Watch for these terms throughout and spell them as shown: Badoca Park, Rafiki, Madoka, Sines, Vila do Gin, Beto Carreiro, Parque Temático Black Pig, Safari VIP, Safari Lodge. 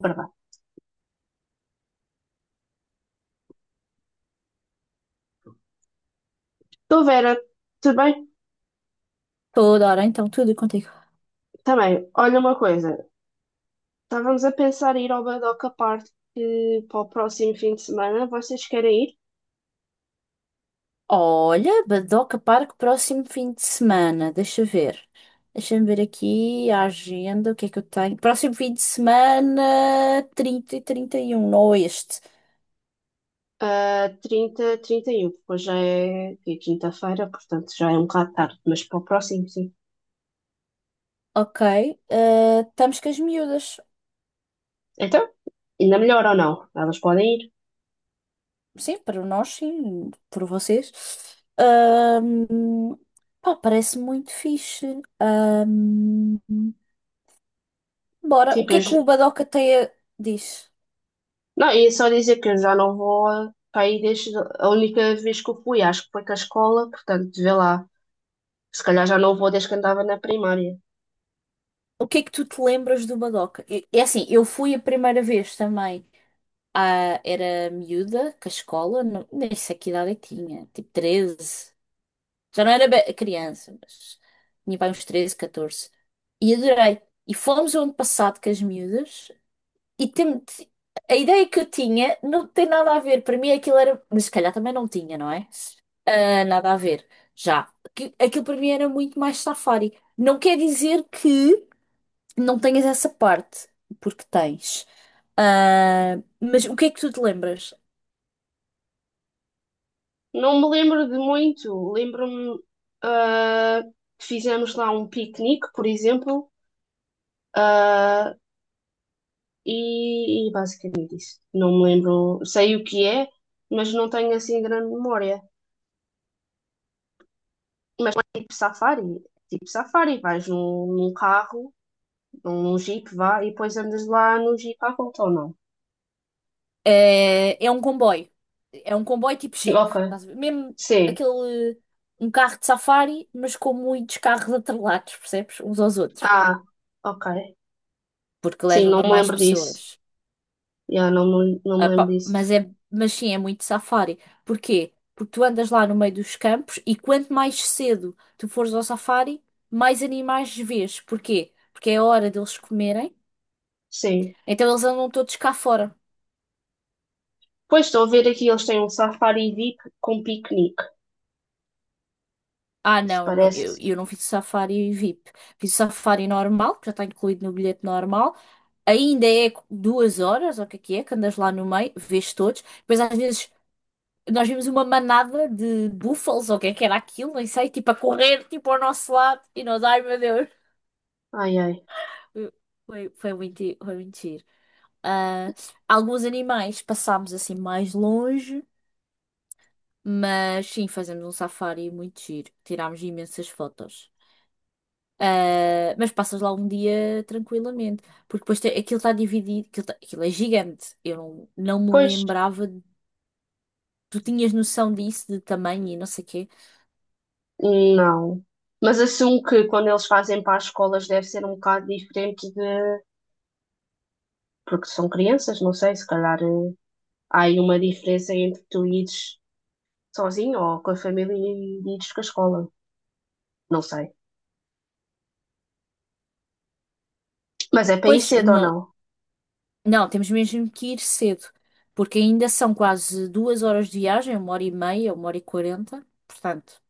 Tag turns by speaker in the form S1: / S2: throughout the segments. S1: Verdade. Então, Vera, também,
S2: Toda hora, então, tudo contigo.
S1: também, olha uma coisa. Estávamos a pensar em ir ao Badoca Park para o próximo fim de semana. Vocês querem ir?
S2: Olha, Badoca Parque, próximo fim de semana. Deixa ver. Deixa-me ver aqui a agenda, o que é que eu tenho. Próximo fim de semana, 30 e 31 não este.
S1: Ah, 30, 31, depois já é quinta-feira, portanto já é um bocado tarde, mas para o próximo, sim.
S2: Ok, estamos com as miúdas.
S1: Então, ainda melhor ou não? Elas podem ir.
S2: Sim, para nós, sim, por vocês. Ahm, pá, parece muito fixe. Bora, o
S1: Tipo,
S2: que é que o Badoca diz?
S1: não, ia só dizer que eu já não vou para aí desde a única vez que eu fui, acho que foi com a escola, portanto, vê lá. Se calhar já não vou desde que andava na primária.
S2: O que é que tu te lembras do Madoka? É assim, eu fui a primeira vez também. Ah, era miúda, com a escola, não, nem sei que idade eu tinha, tipo 13. Já não era criança, mas tinha para uns 13, 14. E adorei. E fomos o ano passado com as miúdas e a ideia que eu tinha não tem nada a ver. Para mim aquilo era, mas se calhar também não tinha, não é? Ah, nada a ver. Já. Aquilo para mim era muito mais safari. Não quer dizer que não tens essa parte, porque tens. Ah, mas o que é que tu te lembras?
S1: Não me lembro de muito. Lembro-me ah, que fizemos lá um piquenique, por exemplo, ah, e basicamente isso. Não me lembro, sei o que é, mas não tenho assim grande memória. Mas é tipo safari, vais num carro, num jeep, vá, e depois andas lá no jeep à volta ou não?
S2: É um comboio. É um comboio tipo Jeep.
S1: Ok,
S2: Estás a ver? Mesmo
S1: sim.
S2: aquele. Um carro de safari, mas com muitos carros atrelados, percebes? Uns aos outros.
S1: Ah, ok.
S2: Porque
S1: Sim, não
S2: leva
S1: me
S2: mais
S1: lembro disso.
S2: pessoas.
S1: Yeah, não, não me
S2: Ah,
S1: lembro
S2: pá,
S1: disso.
S2: mas sim, é muito safari. Porquê? Porque tu andas lá no meio dos campos e quanto mais cedo tu fores ao safari, mais animais vês. Porquê? Porque é a hora deles comerem.
S1: Sim.
S2: Então eles andam todos cá fora.
S1: Pois estou a ver aqui, eles têm um safari VIP com piquenique.
S2: Ah,
S1: Isso
S2: não,
S1: parece.
S2: eu não fiz o Safari VIP. Fiz o Safari normal, que já está incluído no bilhete normal. Ainda é 2 horas, ou o que é que é, que andas lá no meio, vês todos. Depois às vezes nós vimos uma manada de búfalos, ou o que é que era aquilo, nem sei, tipo a correr, tipo ao nosso lado. E nós, ai meu Deus.
S1: Ai, ai.
S2: Foi muito, foi muito giro. Ah, alguns animais passámos assim mais longe, mas sim, fazemos um safari muito giro. Tirámos imensas fotos. Ah, mas passas lá um dia tranquilamente, porque depois aquilo está dividido, aquilo é gigante. Eu não, não me
S1: Pois,
S2: lembrava, tu tinhas noção disso, de tamanho e não sei quê.
S1: não. Mas assumo que quando eles fazem para as escolas deve ser um bocado diferente de. Porque são crianças, não sei, se calhar há aí uma diferença entre tu ires sozinho ou com a família e ires com a escola. Não sei. Mas é para ir
S2: Pois,
S1: cedo ou
S2: não,
S1: não?
S2: não, temos mesmo que ir cedo, porque ainda são quase 2 horas de viagem, 1 hora e meia, 1 hora e 40, portanto.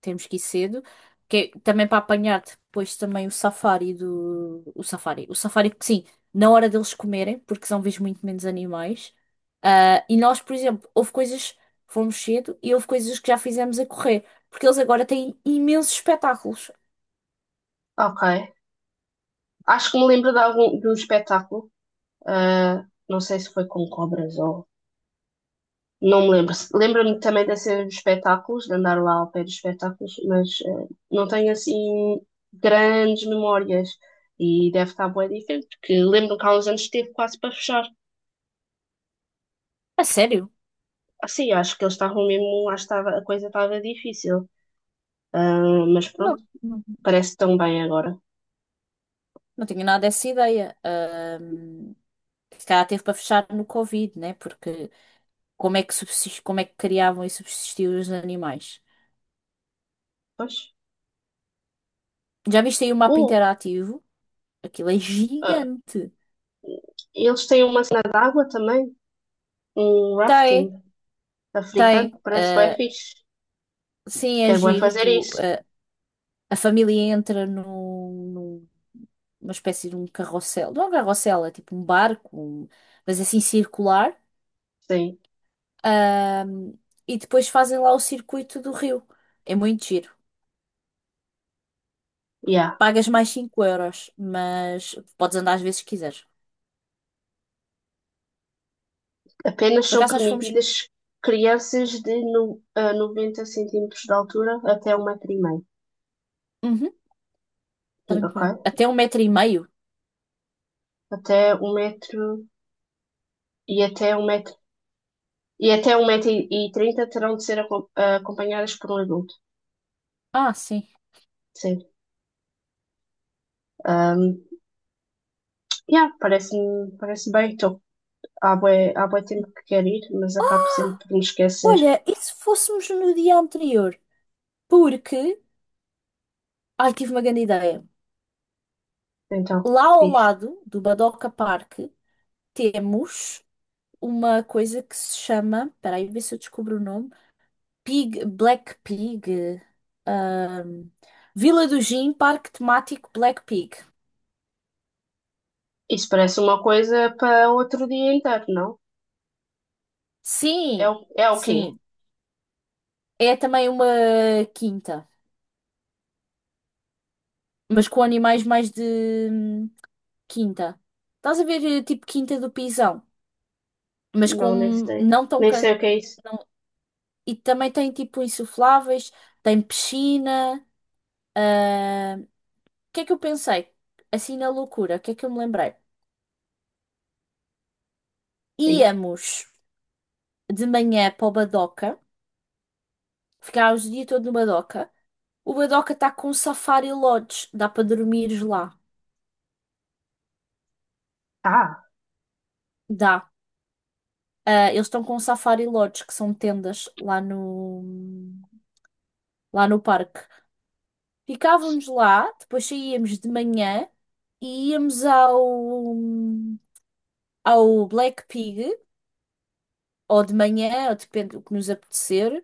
S2: Temos que ir cedo. Que é também para apanhar depois também o safari do. O safari. O safari, sim, na hora deles comerem, porque são vês muito menos animais. Ah, e nós, por exemplo, houve coisas. Fomos cedo e houve coisas que já fizemos a correr. Porque eles agora têm imensos espetáculos.
S1: Ok. Acho que me lembro de um espetáculo. Não sei se foi com cobras ou não me lembro. Lembro-me também de ser nos espetáculos, de andar lá ao pé dos espetáculos, mas não tenho assim grandes memórias e deve estar bem diferente, porque lembro que há uns anos esteve quase para fechar.
S2: A sério?
S1: Assim, acho que eles estavam mesmo, acho que estava, a coisa estava difícil. Ah, mas
S2: Não,
S1: pronto,
S2: não,
S1: parece tão bem agora.
S2: não tinha nada dessa ideia. Se calhar teve para fechar no Covid, né? Porque como é que como é que criavam e subsistiam os animais?
S1: Pois.
S2: Já viste aí o mapa
S1: Oh,
S2: interativo? Aquilo é
S1: ah,
S2: gigante.
S1: eles têm uma cena de água também, um rafting
S2: Tem,
S1: africano,
S2: tem.
S1: parece bem fixe.
S2: Sim, é
S1: Quero bem
S2: giro.
S1: fazer isso.
S2: A família entra num, numa espécie de um carrossel. Não é um carrossel, é tipo um barco, mas assim circular.
S1: Sim,
S2: Ahm, e depois fazem lá o circuito do rio. É muito giro.
S1: yeah.
S2: Pagas mais 5 euros, mas podes andar às vezes que quiseres.
S1: Apenas
S2: Por
S1: são
S2: acaso nós fomos.
S1: permitidas crianças de no, a 90 centímetros de altura até 1,5 m,
S2: Uhum, tranquilo.
S1: ok?
S2: Até 1,5 metros.
S1: Até um metro e até um metro Até 1,30 m terão de ser acompanhadas por um adulto.
S2: Ah, sim.
S1: Sim. Ahm, yeah, parece bem. Estou há bué tempo que quero ir, mas acabo sempre por me esquecer.
S2: Olha, e se fôssemos no dia anterior? Porque Ai, tive uma grande ideia.
S1: Então,
S2: Lá ao
S1: diz.
S2: lado do Badoca Park temos uma coisa que se chama, espera aí, ver se eu descubro o nome, Black Pig, ahm, Vila do Gin, Parque Temático Black Pig.
S1: Isso parece uma coisa para outro dia inteiro, não?
S2: Sim,
S1: É o quê?
S2: sim. É também uma quinta, mas com animais mais de hum, quinta. Estás a ver, tipo, quinta do pisão, mas
S1: Não, nem
S2: com
S1: sei.
S2: não tão.
S1: Nem sei o que é isso.
S2: Não- E também tem, tipo, insufláveis, tem piscina. Ah, o que é que eu pensei? Assim na loucura, o que é que eu me lembrei?
S1: Sim.
S2: Íamos de manhã para o Badoca, ficávamos o dia todo no Badoca. O Badoca está com Safari Lodge, dá para dormires lá.
S1: Ah.
S2: Dá. Ah, eles estão com Safari Lodge, que são tendas lá no parque. Ficávamos lá, depois saíamos de manhã e íamos ao Black Pig, ou de manhã, ou depende do que nos apetecer.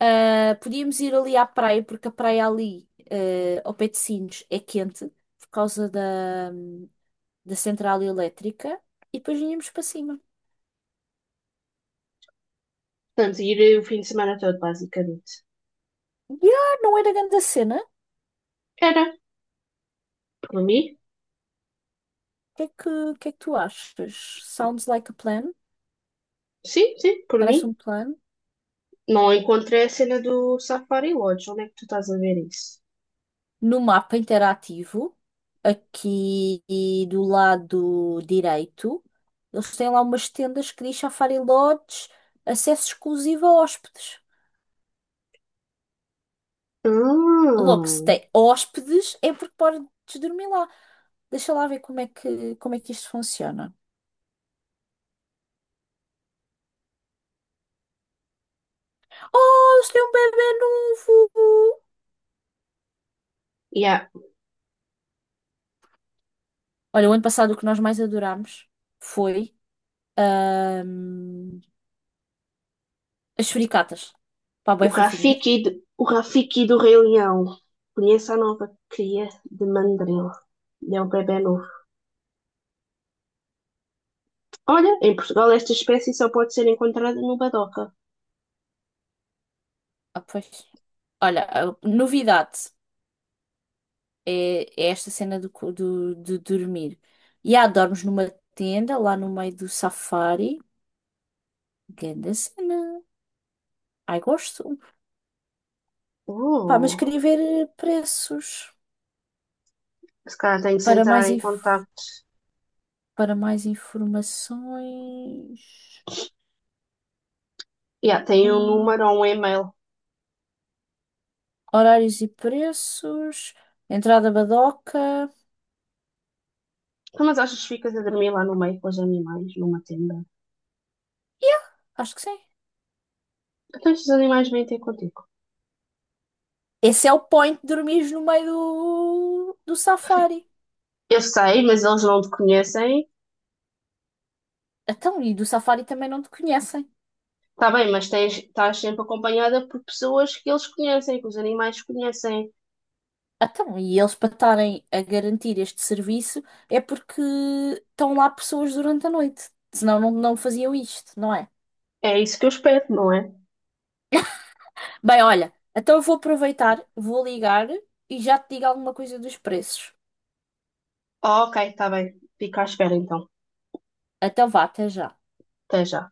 S2: Ah, podíamos ir ali à praia, porque a praia ali, ao pé de Sines, é quente por causa da central elétrica e depois vinhamos para cima.
S1: Portanto, ir o fim de semana todo, basicamente.
S2: Yeah, não era grande a cena. O
S1: Era, por mim.
S2: que é que, o que é que tu achas? Sounds like a plan.
S1: Sim, sim, por
S2: Parece um
S1: mim.
S2: plano.
S1: Não encontrei a cena do Safari Lodge. Onde é que tu estás a ver isso?
S2: No mapa interativo, aqui do lado direito, eles têm lá umas tendas que diz Safari Lodge, acesso exclusivo a hóspedes. Logo, se
S1: Hum,
S2: tem hóspedes, é porque podes dormir lá. Deixa lá ver como é que isto funciona. Oh, eles têm um bebê novo!
S1: yeah.
S2: Olha, o ano passado o que nós mais adorámos foi ahm, as suricatas. Pá,
S1: O
S2: bem fofinhas.
S1: Rafiki, o Rafiki do Rei Leão. Conheça a nova cria de mandril. É um bebê novo. Olha, em Portugal esta espécie só pode ser encontrada no Badoca.
S2: Ah, pois. Olha, a novidade é esta cena de dormir. E dormes numa tenda lá no meio do safari. Grande cena. Ai, gosto. Pá, mas
S1: Oh,
S2: queria ver preços.
S1: se calhar tenho que se
S2: Para
S1: entrar
S2: mais,
S1: em
S2: inf-
S1: contato.
S2: Para mais informações,
S1: Yeah, tem um
S2: hum,
S1: número ou um e-mail.
S2: horários e preços, entrada badoca.
S1: Então, mas achas que ficas a dormir lá no meio com os animais, numa tenda?
S2: Yeah, acho que sim.
S1: Então estes animais vêm ter contigo.
S2: Esse é o point de dormires no meio do safari.
S1: Eu sei, mas eles não te conhecem.
S2: Então, e do safari também não te conhecem.
S1: Está bem, mas tens, estás sempre acompanhada por pessoas que eles conhecem, que os animais conhecem.
S2: Então, e eles para estarem a garantir este serviço é porque estão lá pessoas durante a noite. Senão não, não faziam isto, não é?
S1: É isso que eu espero, não é?
S2: Bem, olha, então eu vou aproveitar, vou ligar e já te digo alguma coisa dos preços.
S1: Ah, ok, está bem. Fica à espera então.
S2: Então vá, até já.
S1: Até já.